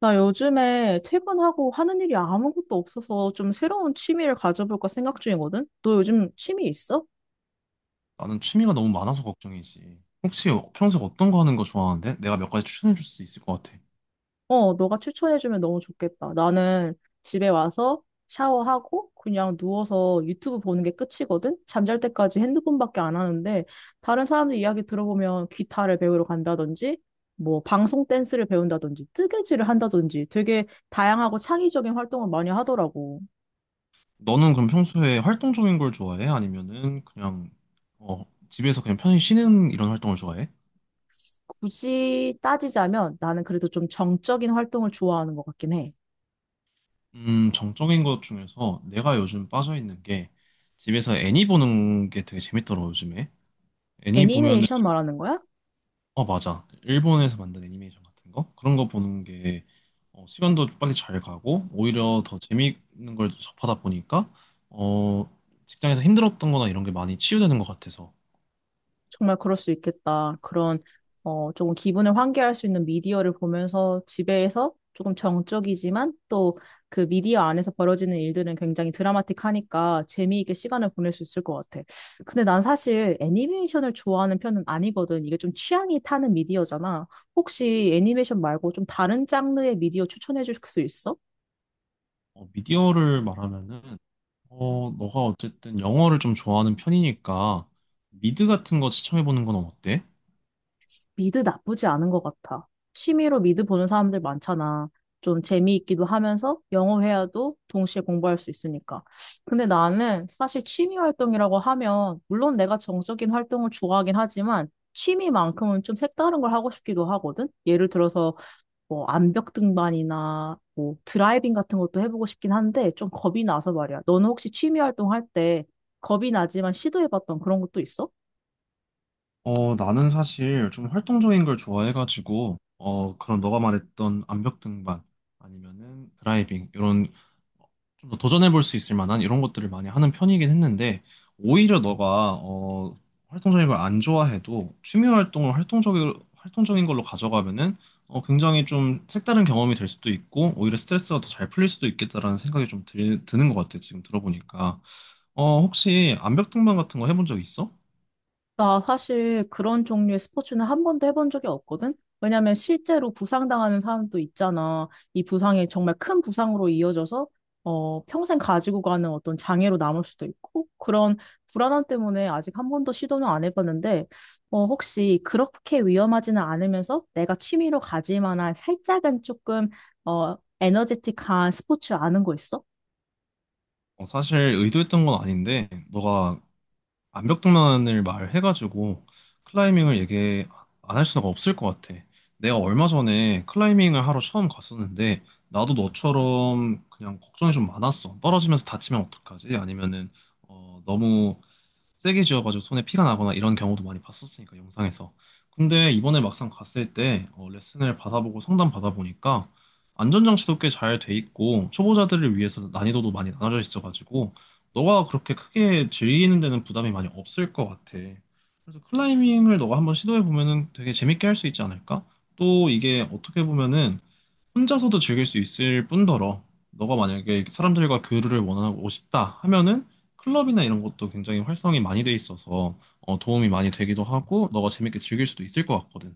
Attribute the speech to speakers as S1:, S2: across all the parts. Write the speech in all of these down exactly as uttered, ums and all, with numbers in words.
S1: 나 요즘에 퇴근하고 하는 일이 아무것도 없어서 좀 새로운 취미를 가져볼까 생각 중이거든? 너 요즘 취미 있어?
S2: 나는 취미가 너무 많아서 걱정이지. 혹시 평소에 어떤 거 하는 거 좋아하는데? 내가 몇 가지 추천해 줄 수 있을 것 같아.
S1: 어, 너가 추천해주면 너무 좋겠다. 나는 집에 와서 샤워하고 그냥 누워서 유튜브 보는 게 끝이거든? 잠잘 때까지 핸드폰밖에 안 하는데 다른 사람들 이야기 들어보면 기타를 배우러 간다든지 뭐 방송 댄스를 배운다든지 뜨개질을 한다든지 되게 다양하고 창의적인 활동을 많이 하더라고.
S2: 너는 그럼 평소에 활동적인 걸 좋아해? 아니면은 그냥 어, 집에서 그냥 편히 쉬는 이런 활동을 좋아해?
S1: 굳이 따지자면 나는 그래도 좀 정적인 활동을 좋아하는 것 같긴 해.
S2: 음, 정적인 것 중에서 내가 요즘 빠져 있는 게 집에서 애니 보는 게 되게 재밌더라, 고 요즘에. 애니 보면
S1: 애니메이션 말하는 거야?
S2: 어, 맞아. 일본에서 만든 애니메이션 같은 거? 그런 거 보는 게 어, 시간도 빨리 잘 가고 오히려 더 재미있는 걸 접하다 보니까 어, 직장에서 힘들었던 거나 이런 게 많이 치유되는 것 같아서
S1: 정말 그럴 수 있겠다. 그런, 어, 조금 기분을 환기할 수 있는 미디어를 보면서 집에서 조금 정적이지만 또 그 미디어 안에서 벌어지는 일들은 굉장히 드라마틱하니까 재미있게 시간을 보낼 수 있을 것 같아. 근데 난 사실 애니메이션을 좋아하는 편은 아니거든. 이게 좀 취향이 타는 미디어잖아. 혹시 애니메이션 말고 좀 다른 장르의 미디어 추천해 줄 수 있어?
S2: 어, 미디어를 말하면은 어, 너가 어쨌든 영어를 좀 좋아하는 편이니까 미드 같은 거 시청해보는 건 어때?
S1: 미드 나쁘지 않은 것 같아. 취미로 미드 보는 사람들 많잖아. 좀 재미있기도 하면서 영어 회화도 동시에 공부할 수 있으니까. 근데 나는 사실 취미 활동이라고 하면, 물론 내가 정적인 활동을 좋아하긴 하지만, 취미만큼은 좀 색다른 걸 하고 싶기도 하거든? 예를 들어서 뭐 암벽 등반이나 뭐 드라이빙 같은 것도 해보고 싶긴 한데 좀 겁이 나서 말이야. 너는 혹시 취미 활동할 때 겁이 나지만 시도해봤던 그런 것도 있어?
S2: 어, 나는 사실 좀 활동적인 걸 좋아해가지고 어, 그런 너가 말했던 암벽 등반 아니면은 드라이빙 이런 좀 더 도전해볼 수 있을 만한 이런 것들을 많이 하는 편이긴 했는데, 오히려 너가, 어, 활동적인 걸 안 좋아해도 취미 활동을 활동적인, 활동적인 걸로 가져가면은, 어, 굉장히 좀 색다른 경험이 될 수도 있고, 오히려 스트레스가 더 잘 풀릴 수도 있겠다라는 생각이 좀 들, 드는 것 같아, 지금 들어보니까. 어, 혹시 암벽등반 같은 거 해본 적 있어?
S1: 나 사실 그런 종류의 스포츠는 한 번도 해본 적이 없거든? 왜냐면 실제로 부상당하는 사람도 있잖아. 이 부상이 정말 큰 부상으로 이어져서 어, 평생 가지고 가는 어떤 장애로 남을 수도 있고, 그런 불안함 때문에 아직 한 번도 시도는 안 해봤는데, 어, 혹시 그렇게 위험하지는 않으면서 내가 취미로 가질 만한 살짝은 조금, 어, 에너제틱한 스포츠 아는 거 있어?
S2: 어, 사실 의도했던 건 아닌데, 너가 암벽등반을 말해가지고 클라이밍을 얘기 안 할 수가 없을 것 같아. 내가 얼마 전에 클라이밍을 하러 처음 갔었는데 나도 너처럼 그냥 걱정이 좀 많았어. 떨어지면서 다치면 어떡하지? 아니면은 어, 너무 세게 지어가지고 손에 피가 나거나 이런 경우도 많이 봤었으니까 영상에서. 근데 이번에 막상 갔을 때 어, 레슨을 받아보고 상담 받아보니까 안전장치도 꽤 잘 돼 있고 초보자들을 위해서 난이도도 많이 나눠져 있어가지고 너가 그렇게 크게 즐기는 데는 부담이 많이 없을 것 같아. 그래서 클라이밍을 너가 한번 시도해 보면은 되게 재밌게 할 수 있지 않을까? 또 이게 어떻게 보면은 혼자서도 즐길 수 있을 뿐더러 너가 만약에 사람들과 교류를 원하고 싶다 하면은 클럽이나 이런 것도 굉장히 활성이 많이 돼 있어서 어, 도움이 많이 되기도 하고 너가 재밌게 즐길 수도 있을 것 같거든.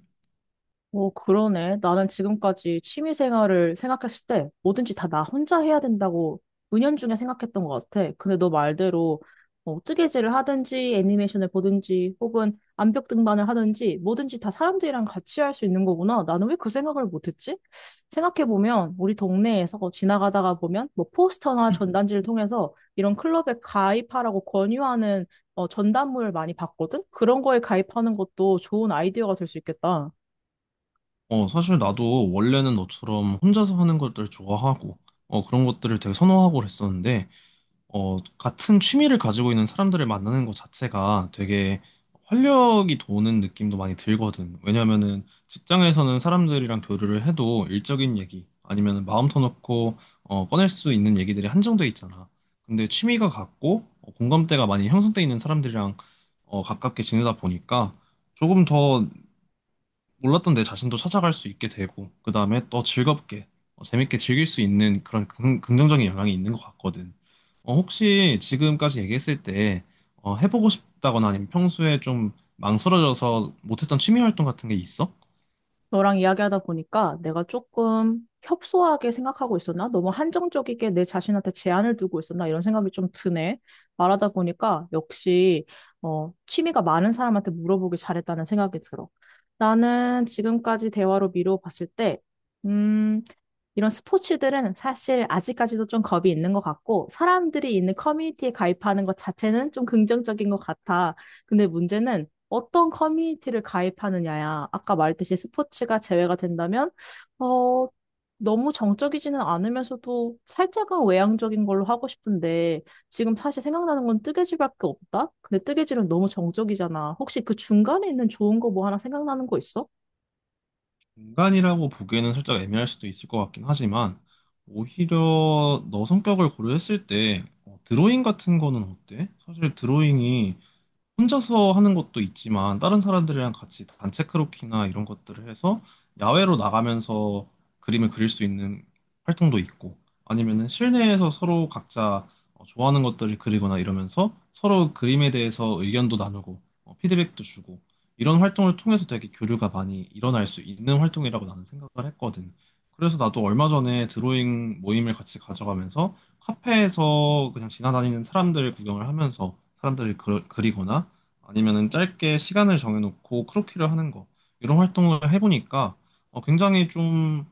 S1: 오, 그러네. 나는 지금까지 취미 생활을 생각했을 때 뭐든지 다 나 혼자 해야 된다고 은연중에 생각했던 것 같아. 근데 너 말대로 어, 뜨개질을 하든지 애니메이션을 보든지 혹은 암벽 등반을 하든지 뭐든지 다 사람들이랑 같이 할 수 있는 거구나. 나는 왜 그 생각을 못했지? 생각해보면 우리 동네에서 지나가다가 보면 뭐 포스터나 전단지를 통해서 이런 클럽에 가입하라고 권유하는 어, 전단물을 많이 봤거든? 그런 거에 가입하는 것도 좋은 아이디어가 될 수 있겠다.
S2: 어, 사실 나도 원래는 너처럼 혼자서 하는 것들 좋아하고 어, 그런 것들을 되게 선호하고 그랬었는데 어, 같은 취미를 가지고 있는 사람들을 만나는 것 자체가 되게 활력이 도는 느낌도 많이 들거든. 왜냐면은 직장에서는 사람들이랑 교류를 해도 일적인 얘기 아니면 마음 터놓고 어, 꺼낼 수 있는 얘기들이 한정돼 있잖아. 근데 취미가 같고 어, 공감대가 많이 형성돼 있는 사람들이랑 어, 가깝게 지내다 보니까 조금 더 몰랐던 내 자신도 찾아갈 수 있게 되고, 그 다음에 또 즐겁게, 어, 재밌게 즐길 수 있는 그런 긍- 긍정적인 영향이 있는 것 같거든. 어, 혹시 지금까지 얘기했을 때, 어, 해보고 싶다거나 아니면 평소에 좀 망설여져서 못했던 취미 활동 같은 게 있어?
S1: 너랑 이야기하다 보니까 내가 조금 협소하게 생각하고 있었나? 너무 한정적이게 내 자신한테 제한을 두고 있었나? 이런 생각이 좀 드네. 말하다 보니까 역시 어, 취미가 많은 사람한테 물어보길 잘했다는 생각이 들어. 나는 지금까지 대화로 미루어 봤을 때, 음, 이런 스포츠들은 사실 아직까지도 좀 겁이 있는 것 같고, 사람들이 있는 커뮤니티에 가입하는 것 자체는 좀 긍정적인 것 같아. 근데 문제는 어떤 커뮤니티를 가입하느냐야. 아까 말했듯이 스포츠가 제외가 된다면, 어, 너무 정적이지는 않으면서도 살짝은 외향적인 걸로 하고 싶은데, 지금 사실 생각나는 건 뜨개질밖에 없다? 근데 뜨개질은 너무 정적이잖아. 혹시 그 중간에 있는 좋은 거 뭐 하나 생각나는 거 있어?
S2: 공간이라고 보기에는 살짝 애매할 수도 있을 것 같긴 하지만, 오히려 너 성격을 고려했을 때, 어, 드로잉 같은 거는 어때? 사실 드로잉이 혼자서 하는 것도 있지만 다른 사람들이랑 같이 단체 크로키나 이런 것들을 해서 야외로 나가면서 그림을 그릴 수 있는 활동도 있고 아니면은 실내에서 서로 각자 어, 좋아하는 것들을 그리거나 이러면서 서로 그림에 대해서 의견도 나누고 어, 피드백도 주고 이런 활동을 통해서 되게 교류가 많이 일어날 수 있는 활동이라고 나는 생각을 했거든. 그래서 나도 얼마 전에 드로잉 모임을 같이 가져가면서 카페에서 그냥 지나다니는 사람들 구경을 하면서 사람들을 그- 그리거나 아니면은 짧게 시간을 정해놓고 크로키를 하는 거 이런 활동을 해보니까 어, 굉장히 좀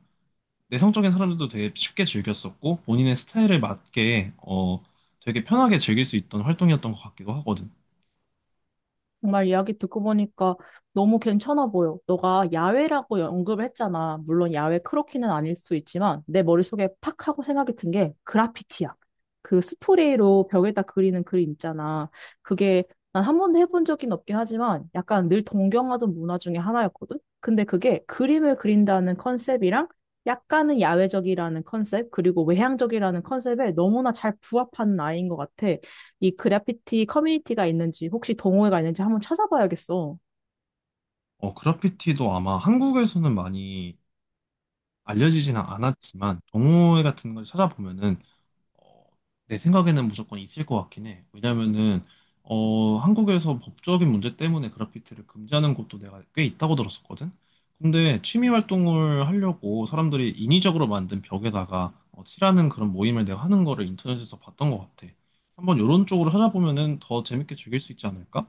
S2: 내성적인 사람들도 되게 쉽게 즐겼었고 본인의 스타일에 맞게 어, 되게 편하게 즐길 수 있던 활동이었던 것 같기도 하거든.
S1: 정말 이야기 듣고 보니까 너무 괜찮아 보여. 너가 야외라고 언급을 했잖아. 물론 야외 크로키는 아닐 수 있지만 내 머릿속에 팍 하고 생각이 든 게 그라피티야. 그 스프레이로 벽에다 그리는 그림 있잖아. 그게 난 한 번도 해본 적은 없긴 하지만 약간 늘 동경하던 문화 중에 하나였거든. 근데 그게 그림을 그린다는 컨셉이랑 약간은 야외적이라는 컨셉, 그리고 외향적이라는 컨셉에 너무나 잘 부합하는 아이인 것 같아. 이 그래피티 커뮤니티가 있는지 혹시 동호회가 있는지 한번 찾아봐야겠어.
S2: 어, 그래피티도 아마 한국에서는 많이 알려지지는 않았지만 동호회 같은 걸 찾아보면은 어, 내 생각에는 무조건 있을 것 같긴 해. 왜냐면은 어, 한국에서 법적인 문제 때문에 그래피티를 금지하는 곳도 내가 꽤 있다고 들었었거든. 근데 취미 활동을 하려고 사람들이 인위적으로 만든 벽에다가 어, 칠하는 그런 모임을 내가 하는 거를 인터넷에서 봤던 것 같아. 한번 이런 쪽으로 찾아보면은 더 재밌게 즐길 수 있지 않을까?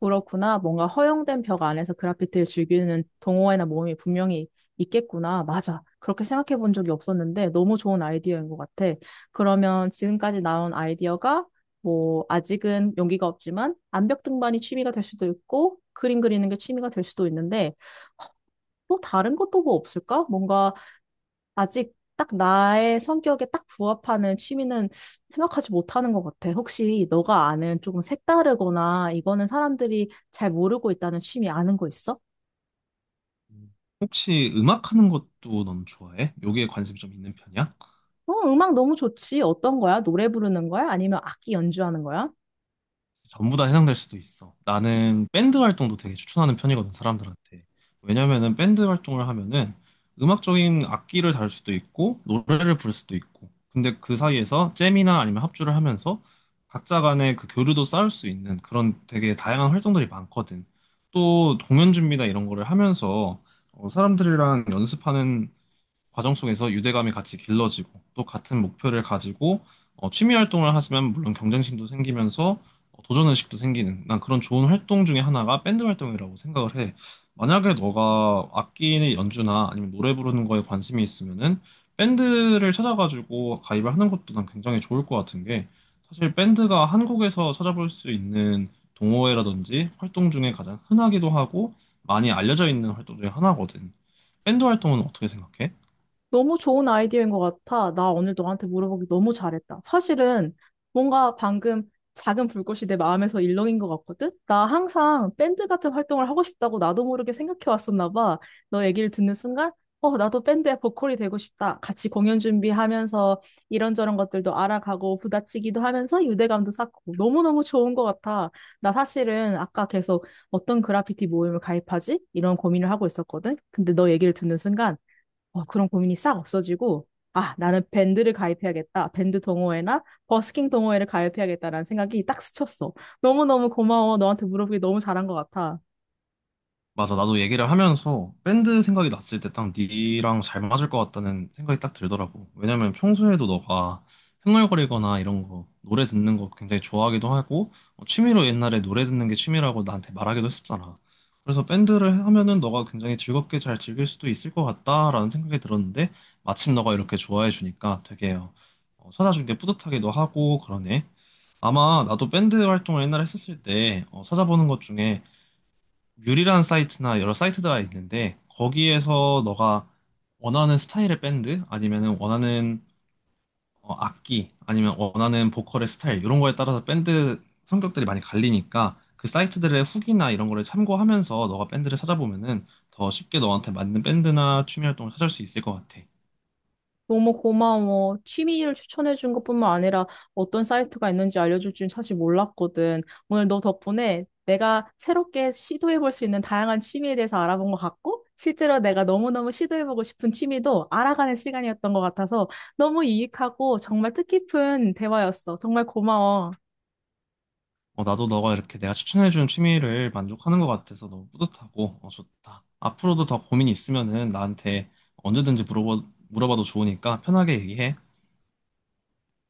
S1: 그렇구나. 뭔가 허용된 벽 안에서 그래피티를 즐기는 동호회나 모임이 분명히 있겠구나. 맞아. 그렇게 생각해 본 적이 없었는데 너무 좋은 아이디어인 것 같아. 그러면 지금까지 나온 아이디어가 뭐 아직은 용기가 없지만 암벽 등반이 취미가 될 수도 있고 그림 그리는 게 취미가 될 수도 있는데 또 다른 것도 뭐 없을까? 뭔가 아직 딱 나의 성격에 딱 부합하는 취미는 생각하지 못하는 것 같아. 혹시 너가 아는 조금 색다르거나 이거는 사람들이 잘 모르고 있다는 취미 아는 거 있어?
S2: 음. 혹시 음악 하는 것도 넌 좋아해? 여기에 관심 좀 있는 편이야?
S1: 어, 음악 너무 좋지. 어떤 거야? 노래 부르는 거야? 아니면 악기 연주하는 거야?
S2: 전부 다 해당될 수도 있어. 나는 밴드 활동도 되게 추천하는 편이거든, 사람들한테. 왜냐면은 밴드 활동을 하면은 음악적인 악기를 다룰 수도 있고, 노래를 부를 수도 있고. 근데 그 사이에서 잼이나 아니면 합주를 하면서 각자 간의 그 교류도 쌓을 수 있는 그런 되게 다양한 활동들이 많거든. 또 공연 준비나 이런 거를 하면서 어, 사람들이랑 연습하는 과정 속에서 유대감이 같이 길러지고 또 같은 목표를 가지고 어, 취미 활동을 하시면 물론 경쟁심도 생기면서 어, 도전의식도 생기는 난 그런 좋은 활동 중에 하나가 밴드 활동이라고 생각을 해. 만약에 너가 악기 연주나 아니면 노래 부르는 거에 관심이 있으면은 밴드를 찾아가지고 가입을 하는 것도 난 굉장히 좋을 것 같은 게 사실 밴드가 한국에서 찾아볼 수 있는 동호회라든지 활동 중에 가장 흔하기도 하고 많이 알려져 있는 활동 중에 하나거든. 밴드 활동은 어떻게 생각해?
S1: 너무 좋은 아이디어인 것 같아. 나 오늘 너한테 물어보기 너무 잘했다. 사실은 뭔가 방금 작은 불꽃이 내 마음에서 일렁인 것 같거든? 나 항상 밴드 같은 활동을 하고 싶다고 나도 모르게 생각해 왔었나 봐. 너 얘기를 듣는 순간, 어, 나도 밴드의 보컬이 되고 싶다. 같이 공연 준비하면서 이런저런 것들도 알아가고 부다치기도 하면서 유대감도 쌓고 너무너무 좋은 것 같아. 나 사실은 아까 계속 어떤 그래피티 모임을 가입하지? 이런 고민을 하고 있었거든? 근데 너 얘기를 듣는 순간, 어, 그런 고민이 싹 없어지고, 아, 나는 밴드를 가입해야겠다. 밴드 동호회나 버스킹 동호회를 가입해야겠다라는 생각이 딱 스쳤어. 너무너무 고마워. 너한테 물어보기 너무 잘한 것 같아.
S2: 맞아. 나도 얘기를 하면서 밴드 생각이 났을 때 딱 니랑 잘 맞을 것 같다는 생각이 딱 들더라고. 왜냐면 평소에도 너가 흥얼거리거나 이런 거, 노래 듣는 거 굉장히 좋아하기도 하고, 어, 취미로 옛날에 노래 듣는 게 취미라고 나한테 말하기도 했었잖아. 그래서 밴드를 하면은 너가 굉장히 즐겁게 잘 즐길 수도 있을 것 같다라는 생각이 들었는데, 마침 너가 이렇게 좋아해 주니까 되게 어, 어, 찾아준 게 뿌듯하기도 하고 그러네. 아마 나도 밴드 활동을 옛날에 했었을 때 어, 찾아보는 것 중에 유리란 사이트나 여러 사이트가 있는데 거기에서 너가 원하는 스타일의 밴드 아니면은 원하는 어, 악기 아니면 원하는 보컬의 스타일 이런 거에 따라서 밴드 성격들이 많이 갈리니까 그 사이트들의 후기나 이런 거를 참고하면서 너가 밴드를 찾아보면은 더 쉽게 너한테 맞는 밴드나 취미 활동을 찾을 수 있을 것 같아.
S1: 너무 고마워. 취미를 추천해준 것뿐만 아니라 어떤 사이트가 있는지 알려줄 줄 사실 몰랐거든. 오늘 너 덕분에 내가 새롭게 시도해볼 수 있는 다양한 취미에 대해서 알아본 것 같고, 실제로 내가 너무너무 시도해보고 싶은 취미도 알아가는 시간이었던 것 같아서 너무 유익하고 정말 뜻깊은 대화였어. 정말 고마워.
S2: 어, 나도 너가 이렇게 내가 추천해주는 취미를 만족하는 것 같아서 너무 뿌듯하고 어, 좋다. 앞으로도 더 고민이 있으면은 나한테 언제든지 물어봐, 물어봐도 좋으니까 편하게 얘기해.